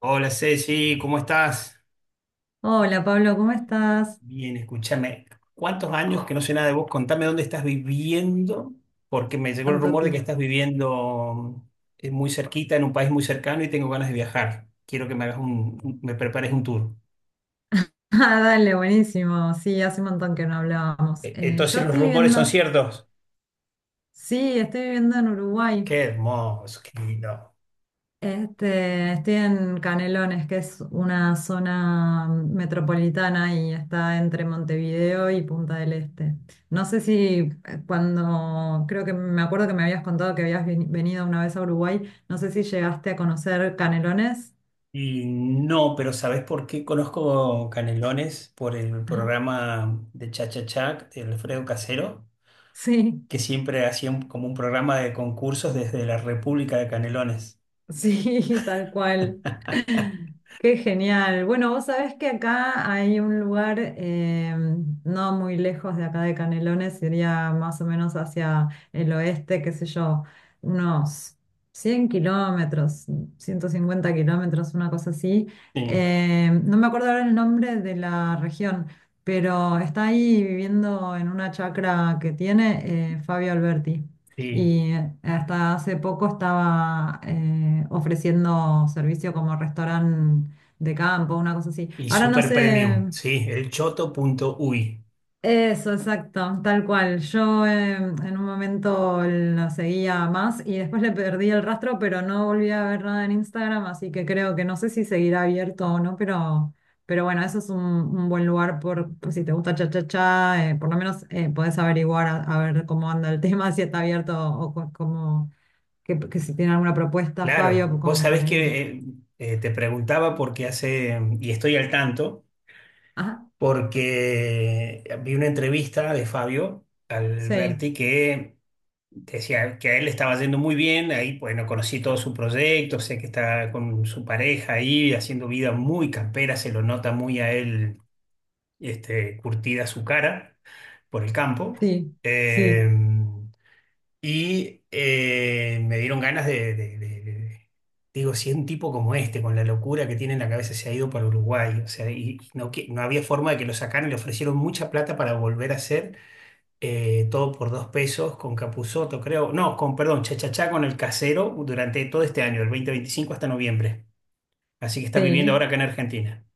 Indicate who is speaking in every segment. Speaker 1: Hola Ceci, ¿cómo estás?
Speaker 2: Hola Pablo, ¿cómo estás?
Speaker 1: Bien, escúchame. ¿Cuántos años que no sé nada de vos? Contame dónde estás viviendo, porque me llegó el
Speaker 2: Tanto
Speaker 1: rumor
Speaker 2: ti.
Speaker 1: de que estás viviendo muy cerquita, en un país muy cercano y tengo ganas de viajar. Quiero que me prepares un tour.
Speaker 2: Ah, dale, buenísimo. Sí, hace un montón que no hablábamos.
Speaker 1: Entonces los rumores son ciertos.
Speaker 2: Sí, estoy viviendo en Uruguay.
Speaker 1: Qué hermoso, qué lindo.
Speaker 2: Estoy en Canelones, que es una zona metropolitana y está entre Montevideo y Punta del Este. No sé si creo que me acuerdo que me habías contado que habías venido una vez a Uruguay, no sé si llegaste a conocer Canelones.
Speaker 1: Y no, pero ¿sabés por qué conozco Canelones por el
Speaker 2: Ajá.
Speaker 1: programa de Cha Cha Cha, de Alfredo Casero?
Speaker 2: Sí.
Speaker 1: Que siempre hacía como un programa de concursos desde la República de Canelones.
Speaker 2: Sí, tal cual. Qué genial. Bueno, vos sabés que acá hay un lugar no muy lejos de acá de Canelones, sería más o menos hacia el oeste, qué sé yo, unos 100 km, 150 km, una cosa así.
Speaker 1: Sí,
Speaker 2: No me acuerdo ahora el nombre de la región, pero está ahí viviendo en una chacra que tiene Fabio Alberti.
Speaker 1: sí.
Speaker 2: Y hasta hace poco estaba ofreciendo servicio como restaurante de campo, una cosa así.
Speaker 1: Y
Speaker 2: Ahora no
Speaker 1: super
Speaker 2: sé,
Speaker 1: premium, sí, el choto punto uy.
Speaker 2: eso, exacto, tal cual. Yo en un momento la seguía más y después le perdí el rastro, pero no volví a ver nada en Instagram, así que creo que no sé si seguirá abierto o no, pero bueno, eso es un buen lugar por si te gusta cha cha cha, por lo menos podés averiguar a ver cómo anda el tema, si está abierto o cómo, que si tiene alguna propuesta,
Speaker 1: Claro,
Speaker 2: Fabio,
Speaker 1: vos
Speaker 2: como
Speaker 1: sabés
Speaker 2: para ir.
Speaker 1: que te preguntaba porque hace, y estoy al tanto,
Speaker 2: Ajá,
Speaker 1: porque vi una entrevista de Fabio
Speaker 2: sí,
Speaker 1: Alberti que decía que a él le estaba yendo muy bien, ahí bueno, conocí todo su proyecto, sé que está con su pareja ahí haciendo vida muy campera, se lo nota muy a él curtida su cara por el campo.
Speaker 2: sí,
Speaker 1: Eh,
Speaker 2: sí,
Speaker 1: y me dieron ganas digo, si un tipo como este, con la locura que tiene en la cabeza, se ha ido para Uruguay, o sea. Y no, no había forma de que lo sacaran, le ofrecieron mucha plata para volver a hacer todo por dos pesos con Capuzoto, creo, no, con, perdón, Chachachá con el casero durante todo este año, del 2025 hasta noviembre. Así que está viviendo ahora
Speaker 2: sí.
Speaker 1: acá en Argentina.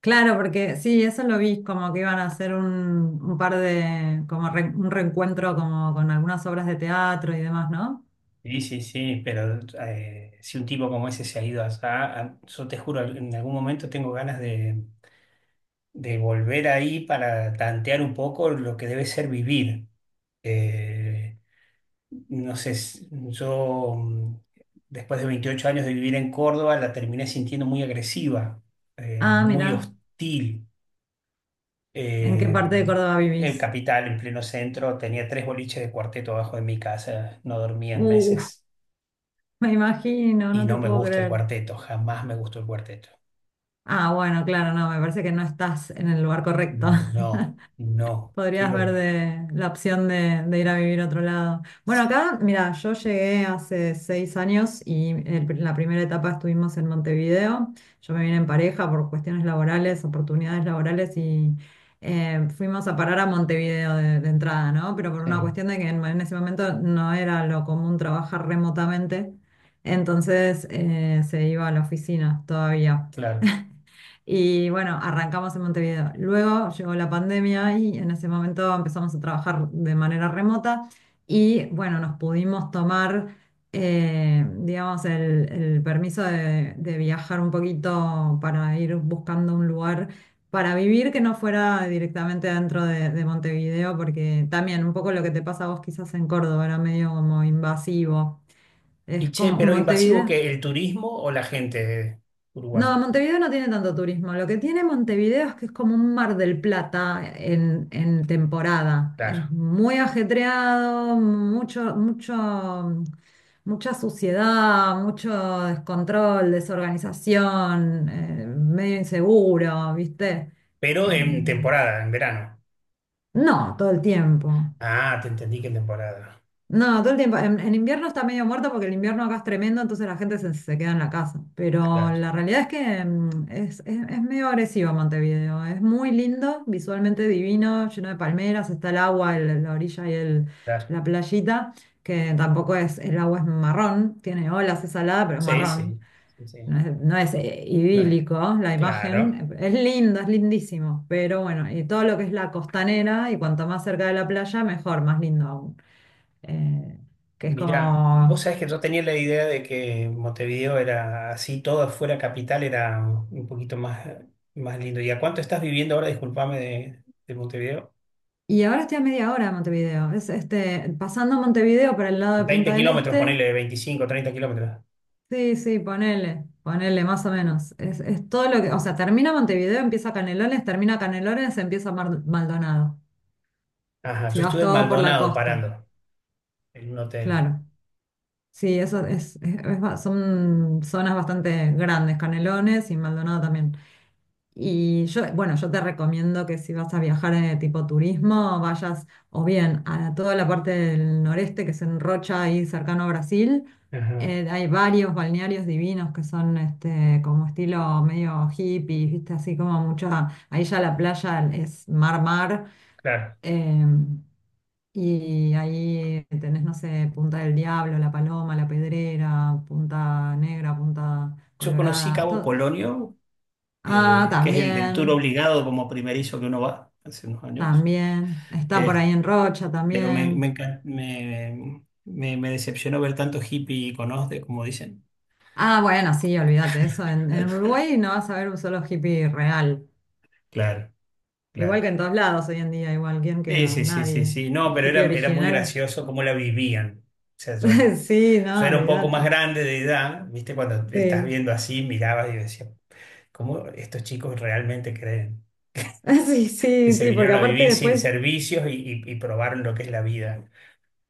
Speaker 2: Claro, porque sí, eso lo vi, como que iban a hacer un par de, como un reencuentro como con algunas obras de teatro y demás, ¿no?
Speaker 1: Sí, sí, sí, pero si un tipo como ese se ha ido allá, yo te juro, en algún momento tengo ganas de volver ahí para tantear un poco lo que debe ser vivir. Eh, no sé, yo, después de 28 años de vivir en Córdoba la terminé sintiendo muy agresiva,
Speaker 2: Ah,
Speaker 1: muy
Speaker 2: mira,
Speaker 1: hostil.
Speaker 2: ¿en qué
Speaker 1: Eh,
Speaker 2: parte de Córdoba
Speaker 1: el
Speaker 2: vivís?
Speaker 1: capital en pleno centro tenía tres boliches de cuarteto abajo de mi casa, no dormía en
Speaker 2: Uf,
Speaker 1: meses.
Speaker 2: me imagino,
Speaker 1: Y
Speaker 2: no te
Speaker 1: no me
Speaker 2: puedo
Speaker 1: gusta el
Speaker 2: creer.
Speaker 1: cuarteto, jamás me gustó el cuarteto.
Speaker 2: Ah, bueno, claro, no, me parece que no estás en el lugar correcto.
Speaker 1: No, no,
Speaker 2: Podrías ver
Speaker 1: quiero.
Speaker 2: de la opción de ir a vivir a otro lado. Bueno, acá, mira, yo llegué hace 6 años y en la primera etapa estuvimos en Montevideo. Yo me vine en pareja por cuestiones laborales, oportunidades laborales y fuimos a parar a Montevideo de entrada, ¿no? Pero por
Speaker 1: Sí,
Speaker 2: una cuestión de que en ese momento no era lo común trabajar remotamente, entonces se iba a la oficina todavía.
Speaker 1: claro.
Speaker 2: Y bueno, arrancamos en Montevideo. Luego llegó la pandemia y en ese momento empezamos a trabajar de manera remota y bueno, nos pudimos tomar, digamos, el permiso de viajar un poquito para ir buscando un lugar para vivir que no fuera directamente dentro de Montevideo, porque también un poco lo que te pasa a vos quizás en Córdoba era medio como invasivo.
Speaker 1: Y
Speaker 2: Es
Speaker 1: che,
Speaker 2: como
Speaker 1: pero invasivo
Speaker 2: Montevideo.
Speaker 1: que el turismo o la gente
Speaker 2: No,
Speaker 1: uruguaya.
Speaker 2: Montevideo no tiene tanto turismo. Lo que tiene Montevideo es que es como un Mar del Plata en temporada.
Speaker 1: Claro.
Speaker 2: Es muy ajetreado, mucha suciedad, mucho descontrol, desorganización, medio inseguro, ¿viste?
Speaker 1: Pero en
Speaker 2: Eh,
Speaker 1: temporada, en verano.
Speaker 2: no, todo el tiempo.
Speaker 1: Ah, te entendí que en temporada.
Speaker 2: No, todo el tiempo. En invierno está medio muerto porque el invierno acá es tremendo, entonces la gente se queda en la casa. Pero
Speaker 1: Claro,
Speaker 2: la realidad es que es medio agresivo Montevideo. Es muy lindo, visualmente divino, lleno de palmeras, está el agua, la orilla y
Speaker 1: claro.
Speaker 2: la playita, que tampoco es, el agua es marrón, tiene olas, es salada, pero es
Speaker 1: Sí,
Speaker 2: marrón.
Speaker 1: sí, sí, sí.
Speaker 2: No es,
Speaker 1: No es.
Speaker 2: idílico la
Speaker 1: Claro.
Speaker 2: imagen, es linda, es lindísimo, pero bueno, y todo lo que es la costanera y cuanto más cerca de la playa, mejor, más lindo aún eh, que es
Speaker 1: Mirá, vos
Speaker 2: como...
Speaker 1: sabés que yo tenía la idea de que Montevideo era así, todo fuera capital, era un poquito más lindo. ¿Y a cuánto estás viviendo ahora? Disculpame de Montevideo.
Speaker 2: Y ahora estoy a media hora de Montevideo. Es pasando Montevideo para el lado de
Speaker 1: veinte
Speaker 2: Punta del
Speaker 1: kilómetros,
Speaker 2: Este.
Speaker 1: ponele 25, 30 kilómetros.
Speaker 2: Sí, sí, ponele más o menos. Es todo lo que... O sea, termina Montevideo, empieza Canelones, termina Canelones, empieza Maldonado.
Speaker 1: Ajá,
Speaker 2: Si
Speaker 1: yo
Speaker 2: vas
Speaker 1: estuve en
Speaker 2: todo por la
Speaker 1: Maldonado
Speaker 2: costa,
Speaker 1: parando en un hotel.
Speaker 2: claro. Sí, eso es, son zonas bastante grandes, Canelones y Maldonado también. Y yo, bueno, yo te recomiendo que si vas a viajar en tipo turismo, vayas o bien a toda la parte del noreste, que es en Rocha, ahí cercano a Brasil.
Speaker 1: Ajá,
Speaker 2: Hay varios balnearios divinos que son como estilo medio hippie, ¿viste? Así como mucha. Ahí ya la playa es mar-mar.
Speaker 1: claro.
Speaker 2: em, y ahí tenés, no sé, Punta del Diablo, La Paloma, La Pedrera, Punta Negra, Punta
Speaker 1: Yo conocí
Speaker 2: Colorada,
Speaker 1: Cabo
Speaker 2: todo.
Speaker 1: Polonio,
Speaker 2: Ah,
Speaker 1: que es el tour
Speaker 2: también.
Speaker 1: obligado como primerizo que uno va hace unos años.
Speaker 2: También, está por
Speaker 1: Eh,
Speaker 2: ahí en Rocha
Speaker 1: pero me,
Speaker 2: también.
Speaker 1: me, encan- me decepcionó ver tanto hippie y conoce, como dicen.
Speaker 2: Ah, bueno, sí, olvídate eso. En Uruguay no vas a ver un solo hippie real.
Speaker 1: Claro,
Speaker 2: Igual
Speaker 1: claro.
Speaker 2: que en todos lados hoy en día, igual, ¿quién
Speaker 1: Sí,
Speaker 2: queda?
Speaker 1: sí, sí, sí,
Speaker 2: Nadie.
Speaker 1: sí. No,
Speaker 2: El
Speaker 1: pero
Speaker 2: hippie
Speaker 1: era muy
Speaker 2: original.
Speaker 1: gracioso cómo la vivían. O sea, yo,
Speaker 2: Sí,
Speaker 1: yo
Speaker 2: no,
Speaker 1: era un poco más
Speaker 2: olvídate.
Speaker 1: grande de edad, ¿viste? Cuando estás
Speaker 2: Sí,
Speaker 1: viendo así, mirabas y decías, ¿cómo estos chicos realmente creen
Speaker 2: sí,
Speaker 1: que
Speaker 2: sí,
Speaker 1: se
Speaker 2: sí, porque
Speaker 1: vinieron a
Speaker 2: aparte
Speaker 1: vivir sin
Speaker 2: después,
Speaker 1: servicios y probaron lo que es la vida?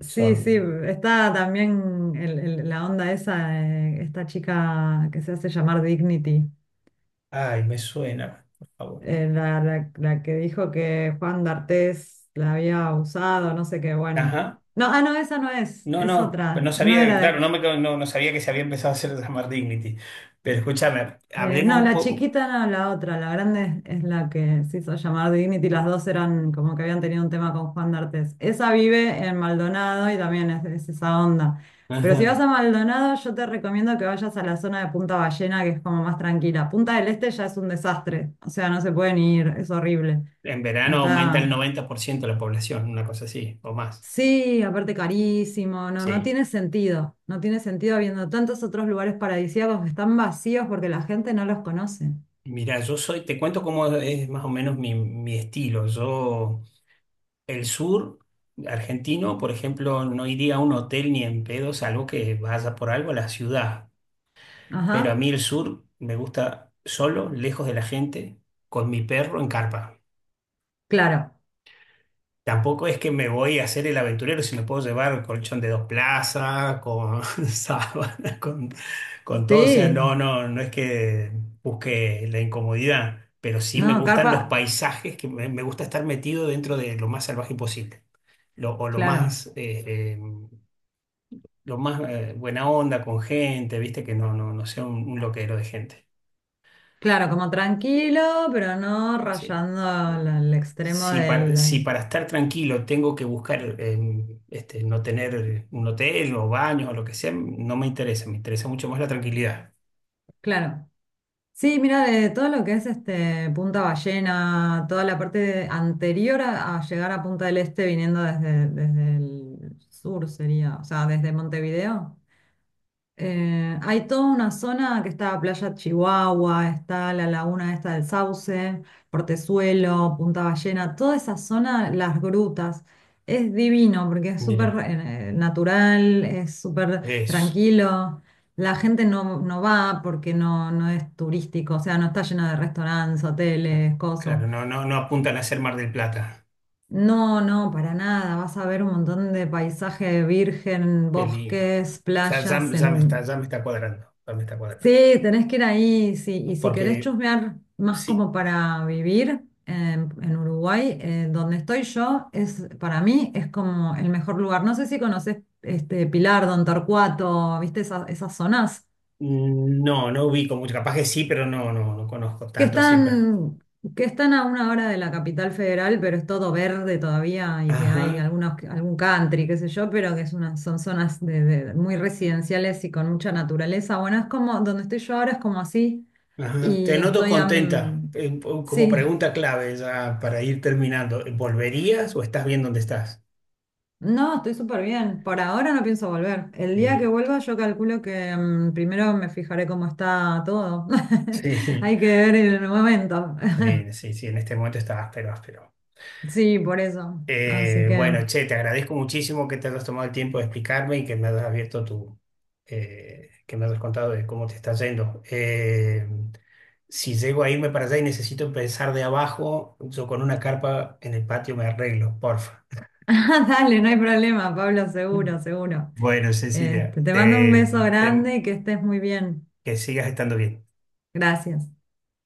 Speaker 2: sí, sí,
Speaker 1: Son,
Speaker 2: está también la onda esa, de esta chica que se hace llamar Dignity.
Speaker 1: ay, me suena, por favor.
Speaker 2: La que dijo que Juan d'Artés la había usado, no sé qué, bueno.
Speaker 1: Ajá.
Speaker 2: No, ah, no, esa no es,
Speaker 1: No,
Speaker 2: es
Speaker 1: no, pero no
Speaker 2: otra, no
Speaker 1: sabía,
Speaker 2: era
Speaker 1: claro,
Speaker 2: de...
Speaker 1: no, me, no, no sabía que se había empezado a hacer llamar Dignity. Pero escúchame, hablemos
Speaker 2: No,
Speaker 1: un
Speaker 2: la
Speaker 1: poco.
Speaker 2: chiquita no, la otra, la grande es la que se hizo llamar Dignity, las dos eran como que habían tenido un tema con Juan d'Artés. Esa vive en Maldonado y también es esa onda. Pero si vas a Maldonado, yo te recomiendo que vayas a la zona de Punta Ballena, que es como más tranquila. Punta del Este ya es un desastre, o sea, no se pueden ir, es horrible.
Speaker 1: En verano aumenta el
Speaker 2: Está
Speaker 1: 90% la población, una cosa así, o más.
Speaker 2: Sí, aparte carísimo, no, no
Speaker 1: Sí.
Speaker 2: tiene sentido, no tiene sentido habiendo tantos otros lugares paradisíacos que están vacíos porque la gente no los conoce.
Speaker 1: Mira, yo soy, te cuento cómo es más o menos mi estilo. Yo, el sur argentino, por ejemplo, no iría a un hotel ni en pedo, salvo que vaya por algo a la ciudad. Pero a
Speaker 2: Ajá,
Speaker 1: mí el sur me gusta solo, lejos de la gente, con mi perro en carpa.
Speaker 2: claro,
Speaker 1: Tampoco es que me voy a hacer el aventurero si me puedo llevar colchón de dos plazas, con sábana, con todo. O sea,
Speaker 2: sí,
Speaker 1: no, no, no es que busque la incomodidad, pero sí me
Speaker 2: no,
Speaker 1: gustan los
Speaker 2: carpa,
Speaker 1: paisajes, que me gusta estar metido dentro de lo más salvaje posible. O lo
Speaker 2: claro,
Speaker 1: más, buena onda con gente, viste, que no sea un loquero de gente.
Speaker 2: claro, como tranquilo, pero no
Speaker 1: Sí.
Speaker 2: rayando el extremo
Speaker 1: Si para,
Speaker 2: del,
Speaker 1: si para estar tranquilo tengo que buscar no tener un hotel o baño o lo que sea, no me interesa, me interesa mucho más la tranquilidad.
Speaker 2: claro. Sí, mira, de todo lo que es este Punta Ballena, toda la parte anterior a llegar a Punta del Este viniendo desde el sur sería, o sea, desde Montevideo. Hay toda una zona que está Playa Chihuahua, está la laguna esta del Sauce, Portezuelo, Punta Ballena, toda esa zona, las grutas, es divino porque es súper
Speaker 1: Mira,
Speaker 2: natural, es súper
Speaker 1: eso.
Speaker 2: tranquilo. La gente no va porque no es turístico, o sea, no está lleno de restaurantes, hoteles, cosas.
Speaker 1: Claro, no, no, no apuntan a ser Mar del Plata.
Speaker 2: No, no, para nada. Vas a ver un montón de paisaje virgen,
Speaker 1: Qué lindo. O
Speaker 2: bosques,
Speaker 1: sea,
Speaker 2: playas. En
Speaker 1: ya me está cuadrando.
Speaker 2: Sí, tenés que ir ahí, sí. Y si querés
Speaker 1: Porque
Speaker 2: chusmear más
Speaker 1: sí,
Speaker 2: como para vivir en Uruguay, donde estoy yo, es para mí es como el mejor lugar. No sé si conoces este Pilar, Don Torcuato, viste esas zonas
Speaker 1: no ubico mucho, capaz que sí, pero no conozco
Speaker 2: que
Speaker 1: tanto así, pues.
Speaker 2: están, que están a una hora de la capital federal, pero es todo verde todavía y que hay
Speaker 1: Ajá,
Speaker 2: algún country, qué sé yo, pero que es son zonas muy residenciales y con mucha naturaleza. Bueno, es como donde estoy yo ahora es como así.
Speaker 1: ajá.
Speaker 2: Y
Speaker 1: Te noto
Speaker 2: estoy a...
Speaker 1: contenta, como
Speaker 2: Sí,
Speaker 1: pregunta clave ya para ir terminando. ¿Volverías o estás bien donde estás?
Speaker 2: no, estoy súper bien. Por ahora no pienso volver. El
Speaker 1: Qué
Speaker 2: día que
Speaker 1: bien.
Speaker 2: vuelva yo calculo que primero me fijaré cómo está todo.
Speaker 1: Sí,
Speaker 2: Hay que ver el momento.
Speaker 1: sí, sí, sí, en este momento está áspero, áspero.
Speaker 2: Sí, por eso. Así
Speaker 1: Eh,
Speaker 2: que...
Speaker 1: bueno, che, te agradezco muchísimo que te hayas tomado el tiempo de explicarme y que me hayas abierto que me hayas contado de cómo te está yendo. Si llego a irme para allá y necesito empezar de abajo, yo con una carpa en el patio me arreglo, porfa.
Speaker 2: Dale, no hay problema, Pablo, seguro, seguro.
Speaker 1: Bueno, Cecilia,
Speaker 2: Te mando un
Speaker 1: te,
Speaker 2: beso
Speaker 1: te
Speaker 2: grande y que estés muy bien.
Speaker 1: que sigas estando bien.
Speaker 2: Gracias.